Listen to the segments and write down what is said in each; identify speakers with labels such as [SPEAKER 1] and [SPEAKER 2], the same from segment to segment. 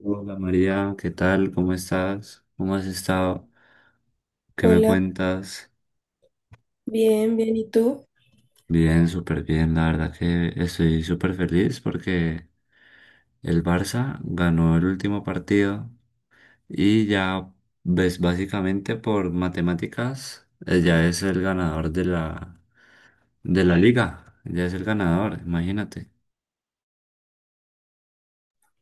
[SPEAKER 1] Hola María, ¿qué tal? ¿Cómo estás? ¿Cómo has estado? ¿Qué me
[SPEAKER 2] Hola,
[SPEAKER 1] cuentas?
[SPEAKER 2] bien, bien, ¿y tú?
[SPEAKER 1] Bien, súper bien. La verdad que estoy súper feliz porque el Barça ganó el último partido y ya ves básicamente por matemáticas, ya es el ganador de la liga. Ya es el ganador, imagínate.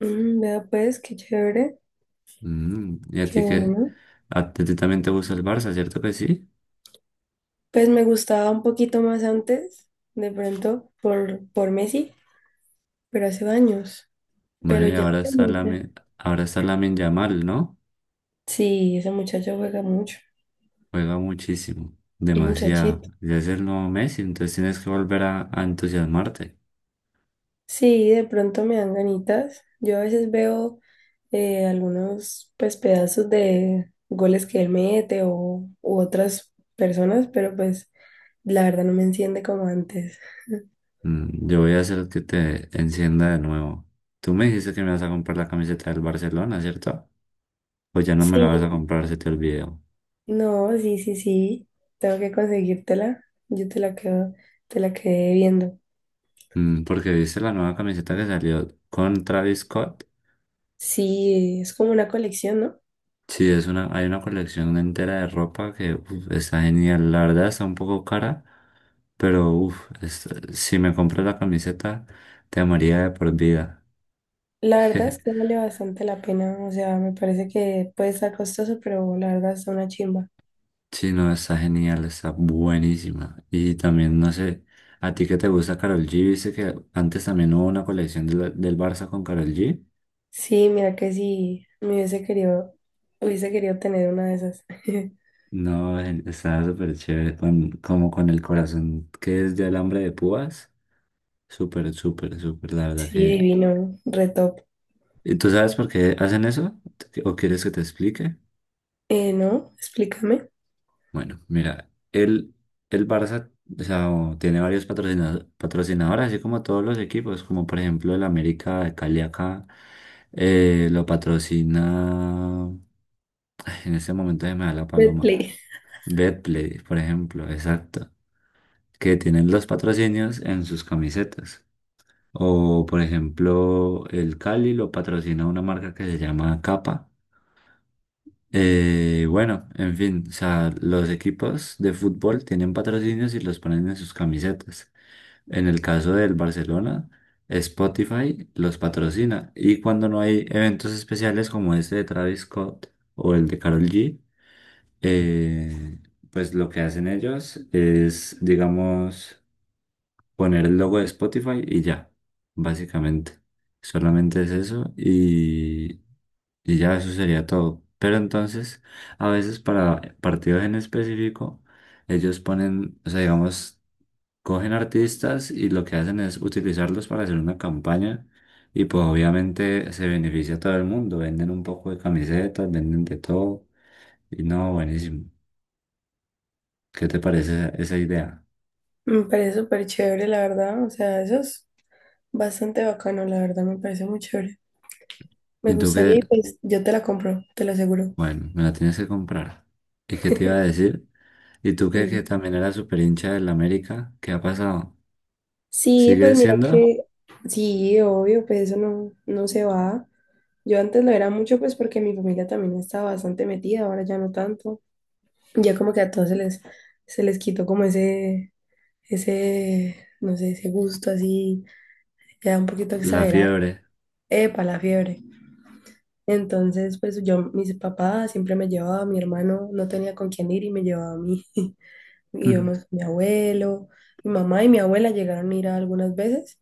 [SPEAKER 2] Mm, vea pues, qué chévere,
[SPEAKER 1] Mm, ¿y a
[SPEAKER 2] qué
[SPEAKER 1] ti qué?
[SPEAKER 2] bueno.
[SPEAKER 1] ¿A ti también te gusta el Barça, cierto que sí?
[SPEAKER 2] Pues me gustaba un poquito más antes, de pronto, por Messi, pero hace años.
[SPEAKER 1] Bueno,
[SPEAKER 2] Pero ya comencé.
[SPEAKER 1] ahora está Lamine Yamal, ¿no?
[SPEAKER 2] Sí, ese muchacho juega mucho,
[SPEAKER 1] Juega muchísimo,
[SPEAKER 2] un
[SPEAKER 1] demasiado.
[SPEAKER 2] muchachito.
[SPEAKER 1] Ya es el nuevo Messi, entonces tienes que volver a entusiasmarte.
[SPEAKER 2] Sí, de pronto me dan ganitas. Yo a veces veo algunos pues pedazos de goles que él mete o u otras personas, pero pues la verdad no me enciende como antes.
[SPEAKER 1] Mm, yo voy a hacer que te encienda de nuevo. Tú me dijiste que me vas a comprar la camiseta del Barcelona, ¿cierto? Pues ya no me la vas a
[SPEAKER 2] Sí,
[SPEAKER 1] comprar, se te olvidó.
[SPEAKER 2] no, sí, sí, sí. Tengo que conseguírtela. Yo te la quedo, te la quedé viendo.
[SPEAKER 1] Mm, porque viste la nueva camiseta que salió con Travis Scott.
[SPEAKER 2] Sí, es como una colección, ¿no?
[SPEAKER 1] Sí, hay una colección entera de ropa que uf, está genial. La verdad está un poco cara, pero uf, si me compras la camiseta, te amaría de por vida.
[SPEAKER 2] La verdad es que vale bastante la pena. O sea, me parece que puede estar costoso, pero la verdad está una chimba.
[SPEAKER 1] Sí, no, está genial, está buenísima. Y también, no sé, a ti que te gusta Karol G, viste que antes también hubo una colección del Barça con Karol G.
[SPEAKER 2] Sí, mira que sí, me hubiese querido tener una de esas.
[SPEAKER 1] No, estaba súper chévere, con, como con el corazón que es de alambre de púas. Súper, súper, súper, la verdad
[SPEAKER 2] Sí,
[SPEAKER 1] que...
[SPEAKER 2] divino, re top.
[SPEAKER 1] ¿Y tú sabes por qué hacen eso? ¿O quieres que te explique?
[SPEAKER 2] No, explícame.
[SPEAKER 1] Bueno, mira, el Barça o sea, o tiene varios patrocinadores, así como todos los equipos, como por ejemplo el América de Cali acá, lo patrocina, ay, en este momento se me da la paloma,
[SPEAKER 2] Betplay.
[SPEAKER 1] Betplay, por ejemplo, exacto, que tienen los patrocinios en sus camisetas. O por ejemplo, el Cali lo patrocina una marca que se llama Capa. Bueno, en fin, o sea, los equipos de fútbol tienen patrocinios y los ponen en sus camisetas. En el caso del Barcelona, Spotify los patrocina. Y cuando no hay eventos especiales como este de Travis Scott o el de Karol G, eh, pues lo que hacen ellos es, digamos, poner el logo de Spotify y ya, básicamente. Solamente es eso y ya eso sería todo. Pero entonces, a veces para partidos en específico, ellos ponen, o sea, digamos, cogen artistas y lo que hacen es utilizarlos para hacer una campaña y pues obviamente se beneficia a todo el mundo. Venden un poco de camisetas, venden de todo. Y no, buenísimo. ¿Qué te parece esa idea?
[SPEAKER 2] Me parece súper chévere, la verdad. O sea, eso es bastante bacano, la verdad, me parece muy chévere. Me
[SPEAKER 1] Y tú que,
[SPEAKER 2] gustaría y pues yo te la compro, te lo aseguro.
[SPEAKER 1] bueno, me la tienes que comprar. ¿Y qué te iba a decir? ¿Y tú que
[SPEAKER 2] Dime.
[SPEAKER 1] también eras súper hincha del América? ¿Qué ha pasado?
[SPEAKER 2] Sí, pues
[SPEAKER 1] ¿Sigue
[SPEAKER 2] mira
[SPEAKER 1] siendo?
[SPEAKER 2] que sí, obvio, pues eso no, no se va. Yo antes lo era mucho pues porque mi familia también estaba bastante metida, ahora ya no tanto. Ya como que a todos se les quitó como ese, no sé, ese gusto así, ya un poquito
[SPEAKER 1] La
[SPEAKER 2] exagerado.
[SPEAKER 1] fiebre.
[SPEAKER 2] Epa, la fiebre. Entonces, pues yo, mis papás siempre me llevaba, mi hermano no tenía con quién ir y me llevaba a mí.
[SPEAKER 1] Ujú.
[SPEAKER 2] Íbamos mi abuelo, mi mamá y mi abuela llegaron a ir algunas veces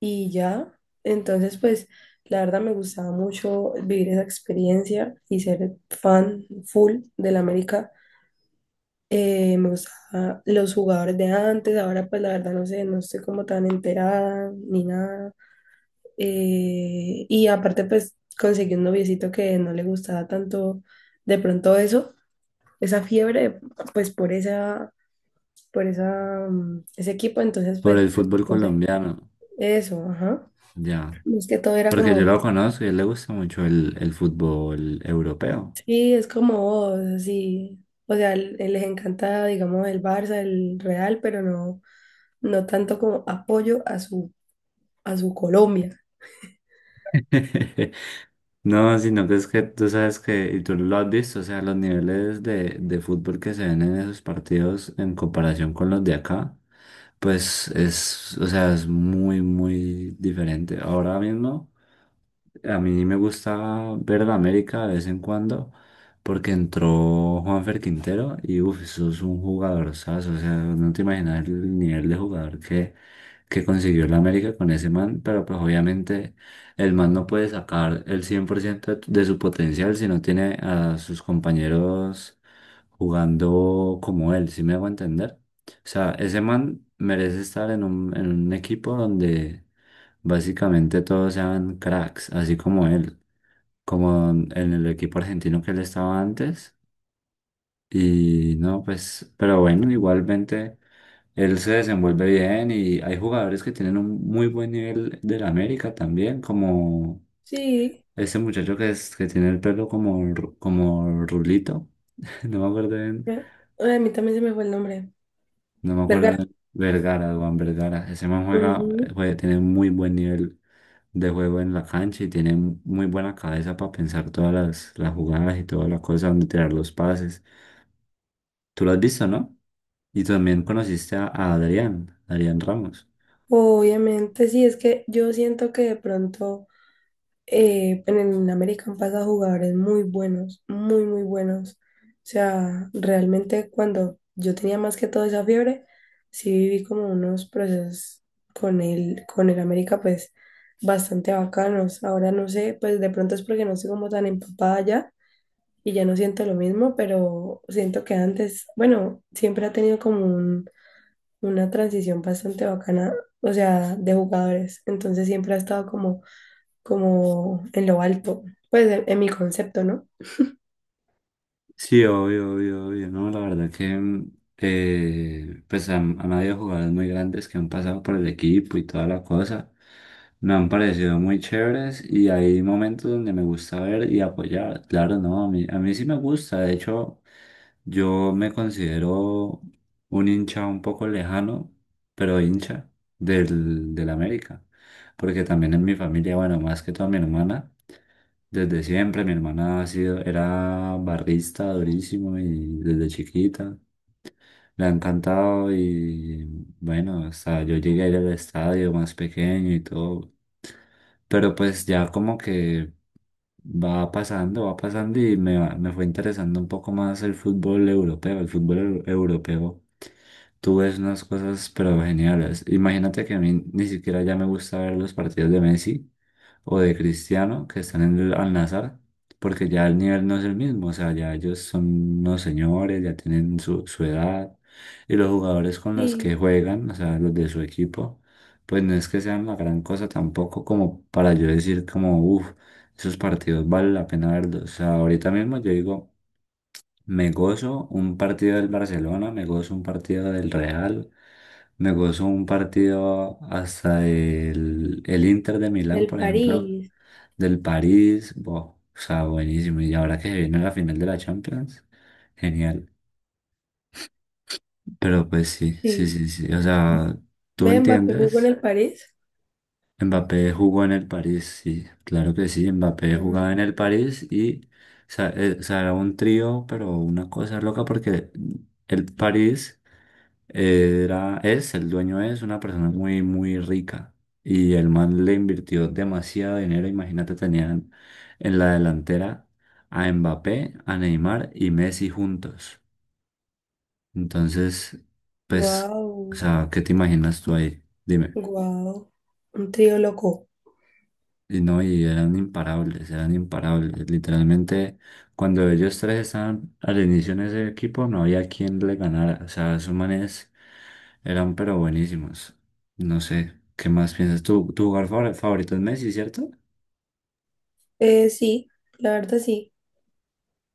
[SPEAKER 2] y ya. Entonces, pues la verdad me gustaba mucho vivir esa experiencia y ser fan full del América. Me gustaban los jugadores de antes, ahora pues la verdad no sé, no estoy como tan enterada ni nada. Y aparte pues conseguí un noviecito que no le gustaba tanto de pronto eso, esa fiebre, pues por esa ese equipo, entonces
[SPEAKER 1] Por
[SPEAKER 2] pues,
[SPEAKER 1] el fútbol
[SPEAKER 2] no sé,
[SPEAKER 1] colombiano,
[SPEAKER 2] eso, ajá.
[SPEAKER 1] ya.
[SPEAKER 2] Es que todo era
[SPEAKER 1] Porque yo
[SPEAKER 2] como,
[SPEAKER 1] lo conozco y a él le gusta mucho el fútbol europeo.
[SPEAKER 2] sí, es como vos, así. O sea, l- les encanta, digamos, el Barça, el Real, pero no, no tanto como apoyo a su Colombia.
[SPEAKER 1] No, sino que es que tú sabes que, y tú lo has visto, o sea, los niveles de fútbol que se ven en esos partidos en comparación con los de acá. Pues es, o sea, es muy, muy diferente. Ahora mismo, a mí me gusta ver la América de vez en cuando, porque entró Juanfer Quintero y uff, eso es un jugadorazo. O sea, no te imaginas el nivel de que consiguió la América con ese man, pero pues obviamente el man no puede sacar el 100% de su potencial si no tiene a sus compañeros jugando como él, ¿si me hago entender? O sea, ese man merece estar en en un equipo donde básicamente todos sean cracks, así como él, como en el equipo argentino que él estaba antes. Y no, pues, pero bueno, igualmente él se desenvuelve bien y hay jugadores que tienen un muy buen nivel del América también, como
[SPEAKER 2] Sí,
[SPEAKER 1] ese muchacho que tiene el pelo como, como rulito, no me acuerdo bien.
[SPEAKER 2] eh, a mí también se me fue el nombre.
[SPEAKER 1] No me
[SPEAKER 2] Vergara.
[SPEAKER 1] acuerdo. Vergara, Duan Vergara. Ese man juega,
[SPEAKER 2] Ujú.
[SPEAKER 1] tiene muy buen nivel de juego en la cancha y tiene muy buena cabeza para pensar todas las jugadas y todas las cosas, donde tirar los pases. Tú lo has visto, ¿no? Y también conociste a Adrián, Adrián Ramos.
[SPEAKER 2] Obviamente, sí, es que yo siento que de pronto en el América han pasado jugadores muy buenos, muy, muy buenos. O sea, realmente cuando yo tenía más que todo esa fiebre, sí viví como unos procesos con el América, pues bastante bacanos. Ahora no sé, pues de pronto es porque no estoy como tan empapada ya y ya no siento lo mismo, pero siento que antes, bueno, siempre ha tenido como un- una transición bastante bacana, o sea, de jugadores. Entonces siempre ha estado como como en lo alto, pues en mi concepto, ¿no?
[SPEAKER 1] Sí, obvio, obvio, obvio. No, la verdad que pues han habido jugadores muy grandes que han pasado por el equipo y toda la cosa. Me han parecido muy chéveres y hay momentos donde me gusta ver y apoyar. Claro, no, a mí sí me gusta. De hecho, yo me considero un hincha un poco lejano, pero hincha del América. Porque también en mi familia, bueno, más que toda mi hermana. Desde siempre mi hermana ha sido, era barrista durísimo y desde chiquita le ha encantado y bueno, hasta yo llegué a ir al estadio más pequeño y todo. Pero pues ya como que va pasando me fue interesando un poco más el fútbol europeo, el europeo. Tú ves unas cosas pero geniales. Imagínate que a mí ni siquiera ya me gusta ver los partidos de Messi o de Cristiano que están en el Al-Nassr, porque ya el nivel no es el mismo, o sea, ya ellos son unos señores, ya tienen su edad, y los jugadores con los que
[SPEAKER 2] Sí,
[SPEAKER 1] juegan, o sea, los de su equipo, pues no es que sean la gran cosa tampoco como para yo decir como, uff, esos partidos vale la pena verlos, o sea, ahorita mismo yo digo, me gozo un partido del Barcelona, me gozo un partido del Real. Me gozo un partido hasta el Inter de Milán,
[SPEAKER 2] del
[SPEAKER 1] por ejemplo,
[SPEAKER 2] París,
[SPEAKER 1] del París, wow, o sea, buenísimo. Y ahora que se viene la final de la Champions, genial. Pero pues sí, sí,
[SPEAKER 2] sí.
[SPEAKER 1] sí, sí. O sea, ¿tú
[SPEAKER 2] Ve, Mbappé jugó en
[SPEAKER 1] entiendes?
[SPEAKER 2] el París.
[SPEAKER 1] Mbappé jugó en el París, sí, claro que sí. Mbappé
[SPEAKER 2] Bueno,
[SPEAKER 1] jugaba en el París o sea, era un trío, pero una cosa loca porque el París era, es, el dueño es una persona muy, muy rica y el man le invirtió demasiado dinero. Imagínate, tenían en la delantera a Mbappé, a Neymar y Messi juntos. Entonces, pues, o
[SPEAKER 2] guau,
[SPEAKER 1] sea, ¿qué te imaginas tú ahí? Dime.
[SPEAKER 2] guau. Un trío loco.
[SPEAKER 1] Y no, y eran imparables, eran imparables. Literalmente, cuando ellos tres estaban al inicio en ese equipo, no había quien le ganara. O sea, esos manes eran pero buenísimos. No sé, ¿qué más piensas tú? ¿Tu jugador favorito es Messi, cierto?
[SPEAKER 2] Sí, la verdad sí.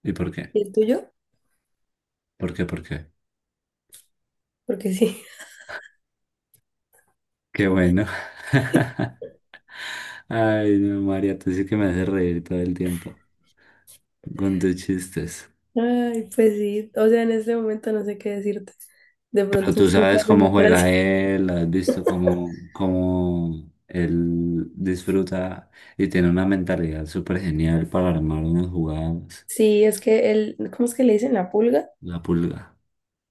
[SPEAKER 1] ¿Y por qué?
[SPEAKER 2] ¿Y el tuyo?
[SPEAKER 1] ¿Por qué? ¿Por qué?
[SPEAKER 2] Porque sí.
[SPEAKER 1] Qué bueno. Ay, no, María, tú sí que me haces reír todo el tiempo con tus chistes.
[SPEAKER 2] Ay, pues sí. O sea, en este momento no sé qué decirte. De
[SPEAKER 1] Pero
[SPEAKER 2] pronto en
[SPEAKER 1] tú
[SPEAKER 2] cinco
[SPEAKER 1] sabes
[SPEAKER 2] años
[SPEAKER 1] cómo
[SPEAKER 2] atrás.
[SPEAKER 1] juega él, has visto cómo, cómo él disfruta y tiene una mentalidad súper genial para armar unas jugadas.
[SPEAKER 2] Sí, es que él, ¿cómo es que le dicen la pulga?
[SPEAKER 1] La pulga.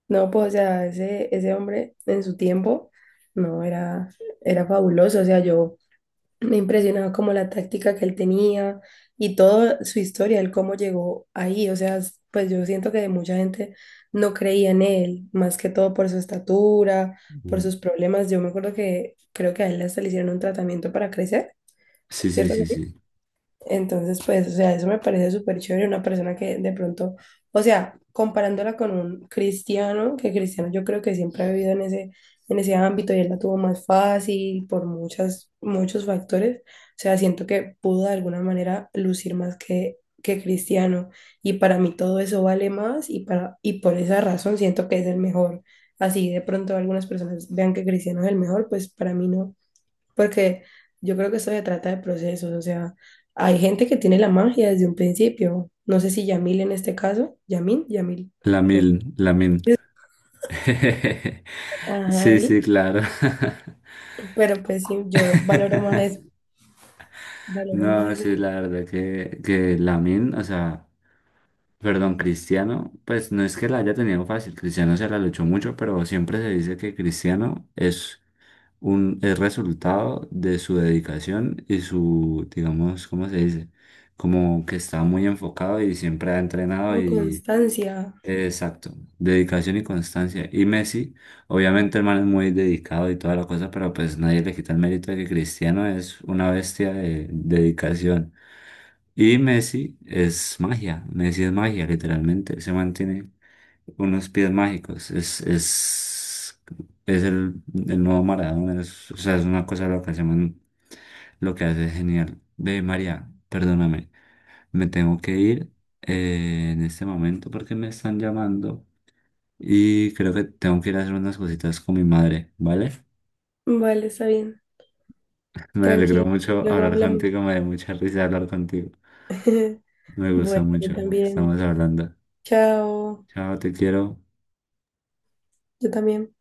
[SPEAKER 2] No, pues, o sea, ese hombre en su tiempo, no, era, era fabuloso. O sea, yo me impresionaba como la táctica que él tenía y toda su historia, el cómo llegó ahí. O sea, s- pues yo siento que mucha gente no creía en él, más que todo por su estatura, por
[SPEAKER 1] Mm.
[SPEAKER 2] sus problemas. Yo me acuerdo que creo que a él hasta le hicieron un tratamiento para crecer,
[SPEAKER 1] Sí, sí,
[SPEAKER 2] ¿cierto?
[SPEAKER 1] sí, sí.
[SPEAKER 2] Entonces, pues, o sea, eso me parece súper chévere, una persona que de pronto, o sea, comparándola con un Cristiano, que Cristiano yo creo que siempre ha vivido en ese ámbito y él la tuvo más fácil por muchas, muchos factores, o sea, siento que pudo de alguna manera lucir más que Cristiano y para mí todo eso vale más y, para, y por esa razón siento que es el mejor. Así de pronto algunas personas vean que Cristiano es el mejor, pues para mí no. Porque yo creo que eso se trata de procesos, o sea, hay gente que tiene la magia desde un principio. No sé si Yamil en este caso, Yamil, Yamil.
[SPEAKER 1] La
[SPEAKER 2] Bueno,
[SPEAKER 1] mil, la min.
[SPEAKER 2] ajá,
[SPEAKER 1] Sí, sí,
[SPEAKER 2] él,
[SPEAKER 1] claro.
[SPEAKER 2] pero pues sí, yo valoro más
[SPEAKER 1] No, sí,
[SPEAKER 2] eso
[SPEAKER 1] la verdad que Lamin, o sea, perdón, Cristiano, pues no es que la haya tenido fácil, Cristiano se la luchó mucho, pero siempre se dice que Cristiano es un, es resultado de su dedicación y su, digamos, ¿cómo se dice? Como que está muy enfocado y siempre ha entrenado
[SPEAKER 2] como
[SPEAKER 1] y...
[SPEAKER 2] constancia.
[SPEAKER 1] Exacto, dedicación y constancia. Y Messi, obviamente el man es muy dedicado y toda la cosa, pero pues nadie le quita el mérito de que Cristiano es una bestia de dedicación. Y Messi es magia, literalmente. Se mantiene unos pies mágicos. Es el nuevo Maradona. O sea, es una cosa loca. Ese man lo que hace es genial. Ve, María, perdóname. Me tengo que ir en este momento porque me están llamando. Y creo que tengo que ir a hacer unas cositas con mi madre, ¿vale?
[SPEAKER 2] Vale, está bien,
[SPEAKER 1] Me alegró
[SPEAKER 2] tranqui,
[SPEAKER 1] mucho
[SPEAKER 2] luego
[SPEAKER 1] hablar
[SPEAKER 2] hablamos.
[SPEAKER 1] contigo, me dio mucha risa hablar contigo. Me gustó
[SPEAKER 2] Bueno, yo
[SPEAKER 1] mucho.
[SPEAKER 2] también.
[SPEAKER 1] Estamos hablando.
[SPEAKER 2] Chao,
[SPEAKER 1] Chao, te quiero.
[SPEAKER 2] yo también.